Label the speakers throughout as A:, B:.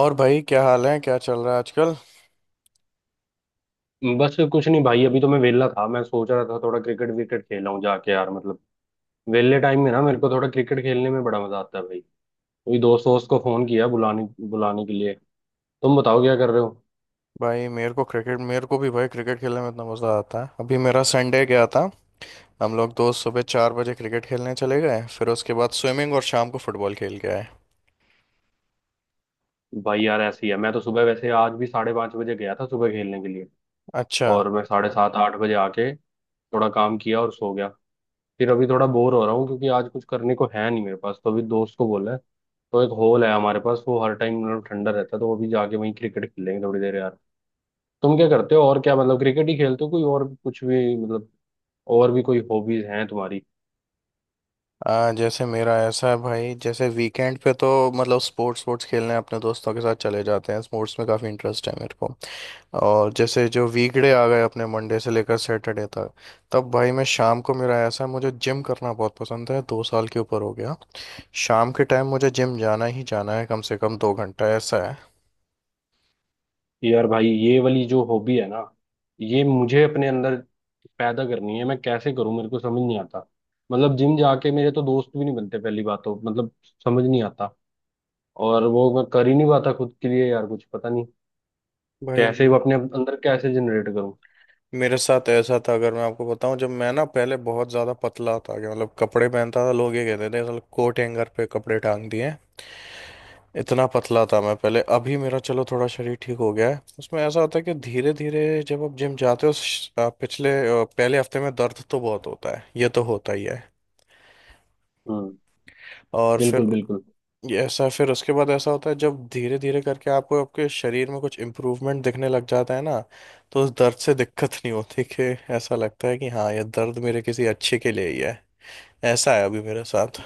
A: और भाई, क्या हाल है, क्या चल रहा है आजकल?
B: बस कुछ नहीं भाई, अभी तो मैं वेला था। मैं सोच रहा था थोड़ा क्रिकेट विकेट खेला हूँ जाके यार, मतलब वेले टाइम में ना मेरे को थोड़ा क्रिकेट खेलने में बड़ा मजा आता है भाई। कोई दोस्त वोस्त को फोन किया बुलाने बुलाने के लिए। तुम बताओ क्या कर रहे हो।
A: भाई मेरे को भी भाई क्रिकेट खेलने में इतना मज़ा आता है। अभी मेरा संडे गया था। हम लोग दोस्त सुबह 4 बजे क्रिकेट खेलने चले गए, फिर उसके बाद स्विमिंग और शाम को फुटबॉल खेल के आए।
B: भाई यार ऐसी है, मैं तो सुबह, वैसे आज भी 5:30 बजे गया था सुबह खेलने के लिए,
A: अच्छा।
B: और मैं 7:30 8 बजे आके थोड़ा काम किया और सो गया। फिर अभी थोड़ा बोर हो रहा हूँ क्योंकि आज कुछ करने को है नहीं मेरे पास, तो अभी दोस्त को बोला है। तो एक हॉल है हमारे पास, वो हर टाइम मतलब ठंडा रहता है, तो अभी जाके वहीं क्रिकेट खेलेंगे थोड़ी देर यार। तुम क्या करते हो, और क्या मतलब क्रिकेट ही खेलते हो कोई और कुछ भी, मतलब और भी कोई हॉबीज हैं तुम्हारी।
A: जैसे मेरा ऐसा है भाई, जैसे वीकेंड पे तो मतलब स्पोर्ट्स स्पोर्ट्स खेलने अपने दोस्तों के साथ चले जाते हैं, स्पोर्ट्स में काफ़ी इंटरेस्ट है मेरे को। और जैसे जो वीकडे आ गए अपने मंडे से लेकर सैटरडे तक, तब भाई मैं शाम को, मेरा ऐसा है, मुझे जिम करना बहुत पसंद है, 2 साल के ऊपर हो गया। शाम के टाइम मुझे जिम जाना ही जाना है, कम से कम 2 घंटा ऐसा है।
B: यार भाई ये वाली जो हॉबी है ना, ये मुझे अपने अंदर पैदा करनी है। मैं कैसे करूं, मेरे को समझ नहीं आता। मतलब जिम जाके मेरे तो दोस्त भी नहीं बनते पहली बात तो, मतलब समझ नहीं आता। और वो मैं कर ही नहीं पाता खुद के लिए यार, कुछ पता नहीं
A: भाई
B: कैसे
A: मेरे
B: वो अपने अंदर कैसे जनरेट करूं।
A: मेरे साथ ऐसा था, अगर मैं आपको बताऊं, जब मैं ना पहले बहुत ज़्यादा पतला था कि मतलब कपड़े पहनता था लोग ये कहते थे साला कोट हैंगर पे कपड़े टांग दिए। इतना पतला था मैं पहले। अभी मेरा, चलो, थोड़ा शरीर ठीक हो गया है। उसमें ऐसा होता है कि धीरे धीरे जब आप जिम जाते हो, पहले हफ्ते में दर्द तो बहुत होता है, ये तो होता ही है।
B: हम्म,
A: और फिर
B: बिल्कुल बिल्कुल।
A: ऐसा, फिर उसके बाद ऐसा होता है जब धीरे धीरे करके आपको, आपके शरीर में कुछ इम्प्रूवमेंट दिखने लग जाता है ना, तो उस दर्द से दिक्कत नहीं होती, कि ऐसा लगता है कि हाँ, ये दर्द मेरे किसी अच्छे के लिए ही है। ऐसा है अभी मेरे साथ।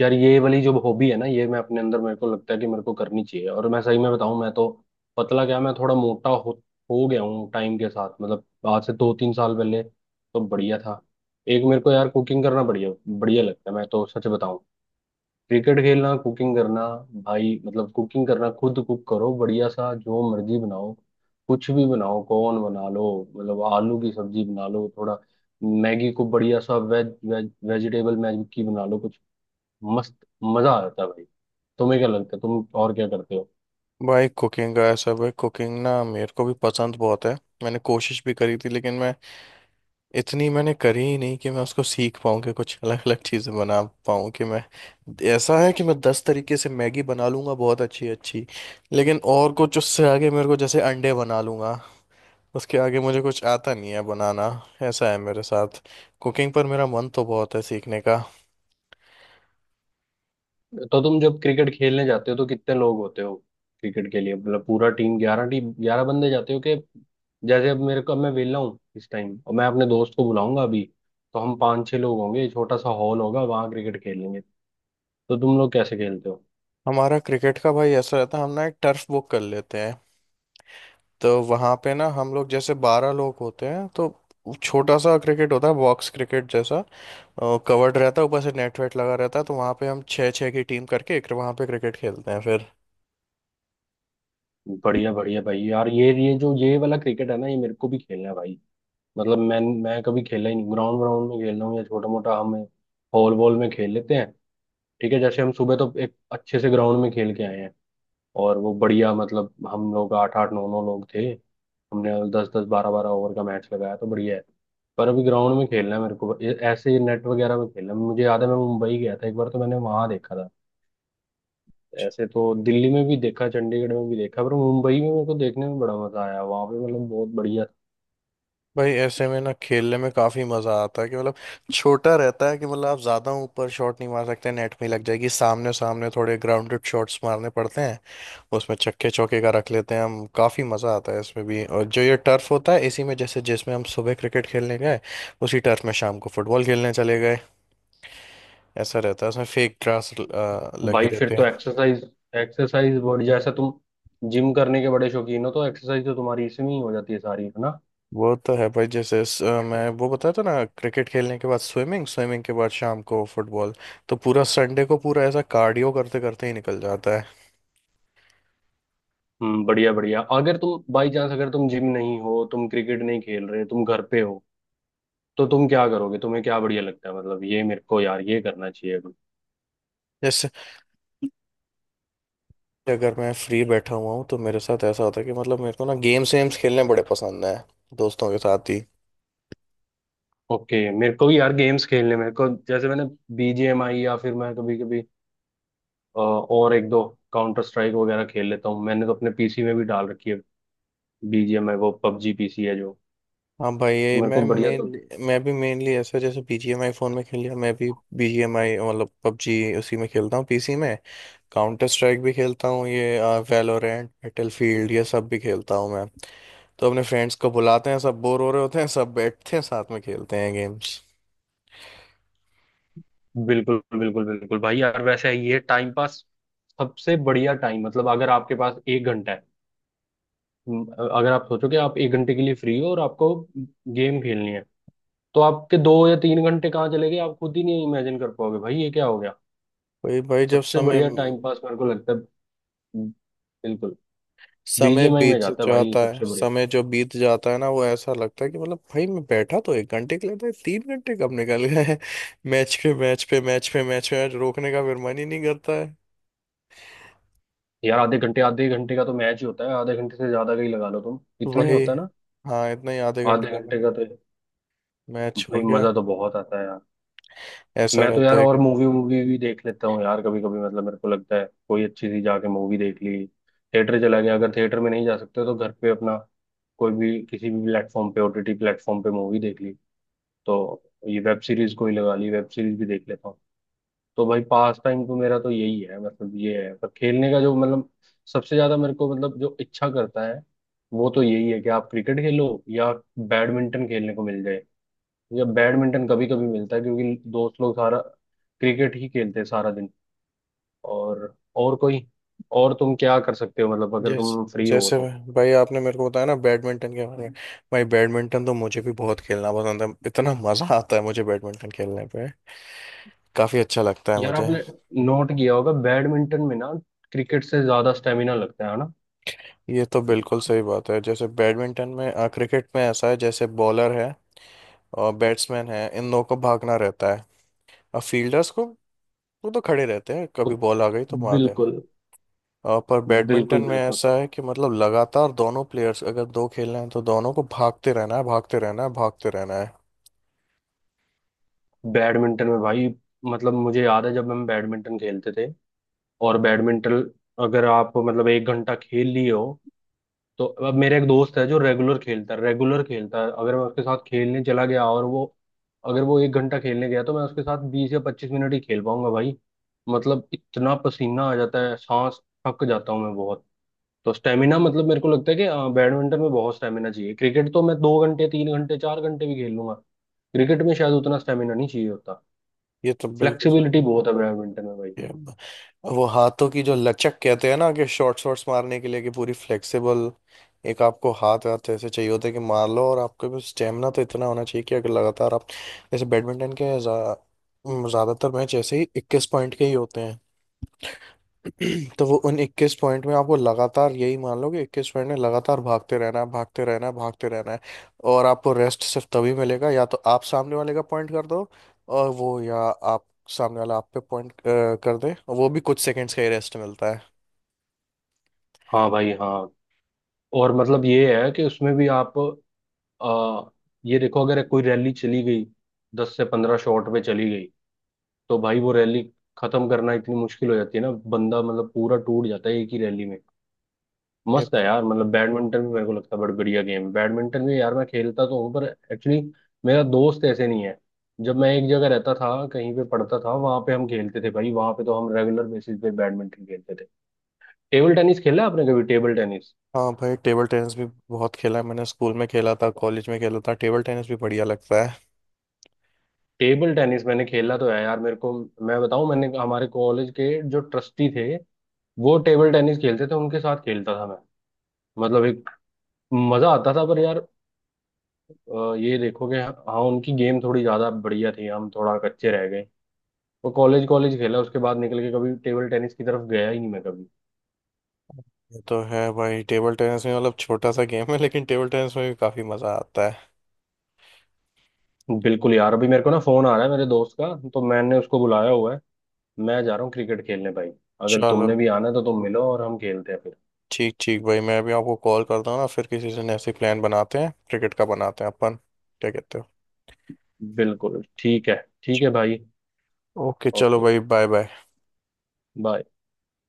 B: यार ये वाली जो हॉबी है ना, ये मैं अपने अंदर, मेरे को लगता है कि मेरे को करनी चाहिए। और मैं सही में बताऊं, मैं तो पतला क्या मैं थोड़ा मोटा हो गया हूँ टाइम के साथ। मतलब आज से 2 3 साल पहले तो बढ़िया था। एक मेरे को यार कुकिंग करना बढ़िया बढ़िया लगता है, मैं तो सच बताऊं। क्रिकेट खेलना, कुकिंग करना। भाई मतलब कुकिंग करना, खुद कुक करो बढ़िया सा, जो मर्जी बनाओ। कुछ भी बनाओ, कॉर्न बना लो, मतलब आलू की सब्जी बना लो थोड़ा, मैगी को बढ़िया सा वेज वेज वेजिटेबल मैगी बना लो कुछ। मस्त मजा आ जाता है भाई। तुम्हें क्या लगता है, तुम और क्या करते हो।
A: भाई कुकिंग ना मेरे को भी पसंद बहुत है। मैंने कोशिश भी करी थी, लेकिन मैं इतनी मैंने करी ही नहीं कि मैं उसको सीख पाऊँ, कि कुछ अलग अलग चीज़ें बना पाऊँ, कि मैं ऐसा है कि मैं 10 तरीके से मैगी बना लूँगा, बहुत अच्छी अच्छी। लेकिन और कुछ उससे आगे, मेरे को जैसे अंडे बना लूँगा, उसके आगे मुझे कुछ आता नहीं है बनाना। ऐसा है मेरे साथ। कुकिंग पर मेरा मन तो बहुत है सीखने का।
B: तो तुम जब क्रिकेट खेलने जाते हो तो कितने लोग होते हो? क्रिकेट के लिए मतलब पूरा टीम 11, टीम 11 बंदे जाते हो, कि जैसे अब मेरे को, अब मैं वेला हूँ इस टाइम और मैं अपने दोस्त को बुलाऊंगा अभी, तो हम 5 6 लोग होंगे, छोटा सा हॉल होगा, वहां क्रिकेट खेलेंगे। तो तुम लोग कैसे खेलते हो?
A: हमारा क्रिकेट का भाई ऐसा रहता है, हम ना एक टर्फ बुक कर लेते हैं। तो वहाँ पे ना हम लोग, जैसे 12 लोग होते हैं, तो छोटा सा क्रिकेट होता है, बॉक्स क्रिकेट जैसा। कवर्ड रहता है, ऊपर से नेट वेट लगा रहता है, तो वहाँ पे हम छः छः की टीम करके एक वहाँ पे क्रिकेट खेलते हैं फिर।
B: बढ़िया बढ़िया भाई यार, ये जो ये वाला क्रिकेट है ना, ये मेरे को भी खेलना है भाई। मतलब मैं कभी खेला ही नहीं ग्राउंड, ग्राउंड में खेल रहा हूँ या छोटा मोटा हम हॉल वॉल में खेल लेते हैं। ठीक है, जैसे हम सुबह तो एक अच्छे से ग्राउंड में खेल के आए हैं, और वो बढ़िया, मतलब हम लोग 8 8 9 9 लोग थे। हमने 10 10 12 12 ओवर का मैच लगाया, तो बढ़िया है। पर अभी ग्राउंड में खेलना है मेरे को, ऐसे नेट वगैरह में खेलना है। मुझे याद है मैं मुंबई गया था एक बार, तो मैंने वहां देखा था। ऐसे तो दिल्ली में भी देखा, चंडीगढ़ में भी देखा, पर मुंबई में मेरे को देखने में बड़ा मजा आया। वहां पे मतलब बहुत बढ़िया था।
A: भाई ऐसे में ना खेलने में काफी मजा आता है, कि मतलब छोटा रहता है, कि मतलब आप ज्यादा ऊपर शॉट नहीं मार सकते, नेट में ही लग जाएगी, सामने सामने थोड़े ग्राउंडेड शॉट्स मारने पड़ते हैं। उसमें छक्के चौके का रख लेते हैं हम, काफी मजा आता है इसमें भी। और जो ये टर्फ होता है, इसी में जैसे जिसमें हम सुबह क्रिकेट खेलने गए, उसी टर्फ में शाम को फुटबॉल खेलने चले गए। ऐसा रहता है, उसमें फेक ग्रास लगी
B: भाई फिर
A: रहते
B: तो
A: हैं।
B: एक्सरसाइज एक्सरसाइज बॉडी जैसा, तुम जिम करने के बड़े शौकीन हो, तो एक्सरसाइज तो तुम्हारी इसमें ही हो जाती है सारी है।
A: वो तो है भाई, जैसे मैं वो बताया था ना, क्रिकेट खेलने के बाद स्विमिंग, स्विमिंग के बाद शाम को फुटबॉल, तो पूरा संडे को पूरा ऐसा कार्डियो करते करते ही निकल जाता है।
B: बढ़िया बढ़िया। अगर तुम बाई चांस अगर तुम जिम नहीं हो, तुम क्रिकेट नहीं खेल रहे, तुम घर पे हो, तो तुम क्या करोगे? तुम्हें क्या बढ़िया लगता है, मतलब ये मेरे को यार, ये करना चाहिए अभी।
A: जैसे, अगर मैं फ्री बैठा हुआ हूँ तो मेरे साथ ऐसा होता है कि मतलब मेरे को ना गेम्स वेम्स खेलने बड़े पसंद है, दोस्तों के साथ ही।
B: ओके, मेरे को भी यार गेम्स खेलने, मेरे को जैसे मैंने बीजीएमआई, या फिर मैं कभी कभी, और एक दो काउंटर स्ट्राइक वगैरह खेल लेता हूँ। मैंने तो अपने पीसी में भी डाल रखी है बीजीएमआई, वो पबजी पीसी है जो,
A: हाँ भाई,
B: तो
A: ये
B: मेरे
A: मैं
B: को बढ़िया तो,
A: मेनली मैं भी मेनली ऐसा, जैसे BGMI फ़ोन में खेल लिया मैं भी, BGMI मतलब पबजी, उसी में खेलता हूँ पीसी में। काउंटर स्ट्राइक भी खेलता हूँ, ये वैलोरेंट, बैटलफील्ड, ये सब भी खेलता हूँ मैं। तो अपने फ्रेंड्स को बुलाते हैं, सब बोर हो रहे होते हैं, सब बैठते हैं, साथ में खेलते हैं गेम्स।
B: बिल्कुल बिल्कुल बिल्कुल भाई यार। वैसे ये टाइम पास सबसे बढ़िया टाइम, मतलब अगर आपके पास 1 घंटा है, अगर आप सोचो कि आप 1 घंटे के लिए फ्री हो और आपको गेम खेलनी है, तो आपके 2 या 3 घंटे कहाँ चले गए आप खुद ही नहीं इमेजिन कर पाओगे भाई, ये क्या हो गया।
A: भाई भाई, जब
B: सबसे
A: समय
B: बढ़िया टाइम पास मेरे को लगता है। हम्म, बिल्कुल।
A: समय
B: बीजीएमआई में
A: बीत
B: जाता है भाई
A: जाता है,
B: सबसे बढ़िया।
A: समय जो बीत जाता है ना, वो ऐसा लगता है कि मतलब भाई मैं बैठा तो एक घंटे के लिए था, ये 3 घंटे कब निकल गए। मैच पे मैच पे मैच पे मैच पे मैच, रोकने का फिर मन ही नहीं करता है।
B: यार आधे घंटे, आधे घंटे का तो मैच ही होता है, आधे घंटे से ज्यादा का ही लगा लो तुम। इतना ही
A: वही,
B: होता है ना,
A: हाँ, इतना ही, आधे घंटे
B: आधे
A: का
B: घंटे का तो।
A: मैच हो
B: भाई
A: गया,
B: मजा तो बहुत आता है।
A: ऐसा
B: मैं तो
A: रहता
B: यार और
A: है।
B: मूवी वूवी भी देख लेता हूँ यार कभी कभी। मतलब मेरे को लगता है कोई अच्छी सी जाके मूवी देख ली, थिएटर चला गया, अगर थिएटर में नहीं जा सकते तो घर पे अपना कोई भी, किसी भी प्लेटफॉर्म पे, ओटीटी प्लेटफॉर्म पे मूवी देख ली। तो ये वेब सीरीज कोई लगा ली, वेब सीरीज भी देख लेता हूँ। तो भाई पास टाइम तो मेरा तो यही है, मतलब ये है। पर खेलने का जो मतलब सबसे ज्यादा मेरे को, मतलब जो इच्छा करता है, वो तो यही है कि आप क्रिकेट खेलो या बैडमिंटन खेलने को मिल जाए। मुझे बैडमिंटन कभी कभी मिलता है क्योंकि दोस्त लोग सारा क्रिकेट ही खेलते हैं सारा दिन। और कोई, और तुम क्या कर सकते हो, मतलब अगर
A: जैस
B: तुम फ्री हो
A: जैसे
B: तो।
A: भाई भाई, आपने मेरे को बताया ना बैडमिंटन के बारे में, भाई बैडमिंटन तो मुझे भी बहुत खेलना पसंद है, इतना मजा आता है मुझे बैडमिंटन खेलने पे, काफी अच्छा लगता है
B: यार
A: मुझे।
B: आपने नोट किया होगा बैडमिंटन में ना, क्रिकेट से ज्यादा स्टेमिना लगता है ना।
A: ये तो बिल्कुल सही बात है, जैसे बैडमिंटन में, क्रिकेट में ऐसा है, जैसे बॉलर है और बैट्समैन है, इन दोनों को भागना रहता है, और फील्डर्स को, वो तो खड़े रहते हैं, कभी
B: उत-
A: बॉल आ गई तो मार देना।
B: बिल्कुल
A: पर बैडमिंटन
B: बिल्कुल
A: में
B: बिल्कुल।
A: ऐसा है कि मतलब लगातार दोनों प्लेयर्स, अगर दो खेल रहे हैं तो दोनों को भागते रहना है, भागते रहना है, भागते रहना है।
B: बैडमिंटन में भाई, मतलब मुझे याद है जब हम बैडमिंटन खेलते थे, और बैडमिंटन अगर आप मतलब 1 घंटा खेल लिए हो, तो, अब मेरा एक दोस्त है जो रेगुलर खेलता है, रेगुलर खेलता है, अगर मैं उसके साथ खेलने चला गया और वो, अगर वो 1 घंटा खेलने गया तो मैं उसके साथ 20 या 25 मिनट ही खेल पाऊंगा भाई। मतलब इतना पसीना आ जाता है, सांस थक जाता हूँ मैं बहुत। तो स्टेमिना, मतलब मेरे को लगता है कि बैडमिंटन में बहुत स्टेमिना चाहिए। क्रिकेट तो मैं 2 घंटे 3 घंटे 4 घंटे भी खेल लूंगा, क्रिकेट में शायद उतना स्टेमिना नहीं चाहिए होता।
A: ये तो बिल्कुल।
B: फ्लेक्सिबिलिटी बहुत है बैडमिंटन में भाई।
A: ये ब- वो हाथों की जो लचक कहते हैं ना, कि शॉर्ट शॉट्स मारने के लिए कि पूरी फ्लेक्सिबल एक, आपको हाथ हाथ ऐसे चाहिए होते हैं कि मार लो, और आपके भी स्टेमिना तो इतना होना चाहिए कि अगर लगातार आप, जैसे बैडमिंटन के ज़्यादातर मैच ऐसे ही 21 पॉइंट के ही होते हैं, तो वो उन 21 पॉइंट में आपको लगातार, यही मान लो कि 21 पॉइंट में लगातार भागते रहना है, भागते रहना है, भागते रहना है। और आपको रेस्ट सिर्फ तभी मिलेगा या तो आप सामने वाले का पॉइंट कर दो, और वो या आप, सामने वाला आप पे पॉइंट कर दे, और वो भी कुछ सेकंड्स का ही रेस्ट मिलता है।
B: हाँ भाई हाँ। और मतलब ये है कि उसमें भी आप, आ, ये देखो अगर कोई रैली चली गई 10 से 15 शॉट पे चली गई, तो भाई वो रैली खत्म करना इतनी मुश्किल हो जाती है ना। बंदा मतलब पूरा टूट जाता है एक ही रैली में।
A: ये-
B: मस्त है यार, मतलब बैडमिंटन भी मेरे को लगता है बड़ा बढ़िया गेम है। बैडमिंटन भी यार मैं खेलता तो हूँ पर, एक्चुअली मेरा दोस्त ऐसे नहीं है। जब मैं एक जगह रहता था कहीं पे पढ़ता था, वहां पे हम खेलते थे भाई, वहां पे तो हम रेगुलर बेसिस पे बैडमिंटन खेलते थे। टेबल टेनिस खेला आपने कभी, टेबल टेनिस?
A: हाँ भाई, टेबल टेनिस भी बहुत खेला है मैंने, स्कूल में खेला था, कॉलेज में खेला था, टेबल टेनिस भी बढ़िया लगता है।
B: टेबल टेनिस मैंने खेला तो है यार, मेरे को, मैं बताऊं, मैंने हमारे कॉलेज के जो ट्रस्टी थे वो टेबल टेनिस खेलते थे, उनके साथ खेलता था मैं, मतलब एक मजा आता था। पर यार, ये देखो कि, हाँ उनकी गेम थोड़ी ज्यादा बढ़िया थी, हम थोड़ा कच्चे रह गए। वो कॉलेज, कॉलेज खेला, उसके बाद निकल के कभी टेबल टेनिस की तरफ गया ही नहीं मैं कभी।
A: ये तो है भाई, टेबल टेनिस में मतलब छोटा सा गेम है, लेकिन टेबल टेनिस में भी काफी मजा आता है।
B: बिल्कुल यार, अभी मेरे को ना फोन आ रहा है मेरे दोस्त का, तो मैंने उसको बुलाया हुआ है, मैं जा रहा हूँ क्रिकेट खेलने भाई। अगर
A: चलो,
B: तुमने भी आना है तो तुम मिलो और हम खेलते हैं फिर।
A: ठीक ठीक भाई, मैं अभी आपको कॉल करता हूँ ना, फिर किसी दिन ऐसे प्लान बनाते हैं, क्रिकेट का बनाते हैं अपन, क्या कहते हो?
B: बिल्कुल ठीक है। ठीक है भाई।
A: ओके, चलो
B: ओके,
A: भाई, बाय बाय।
B: बाय।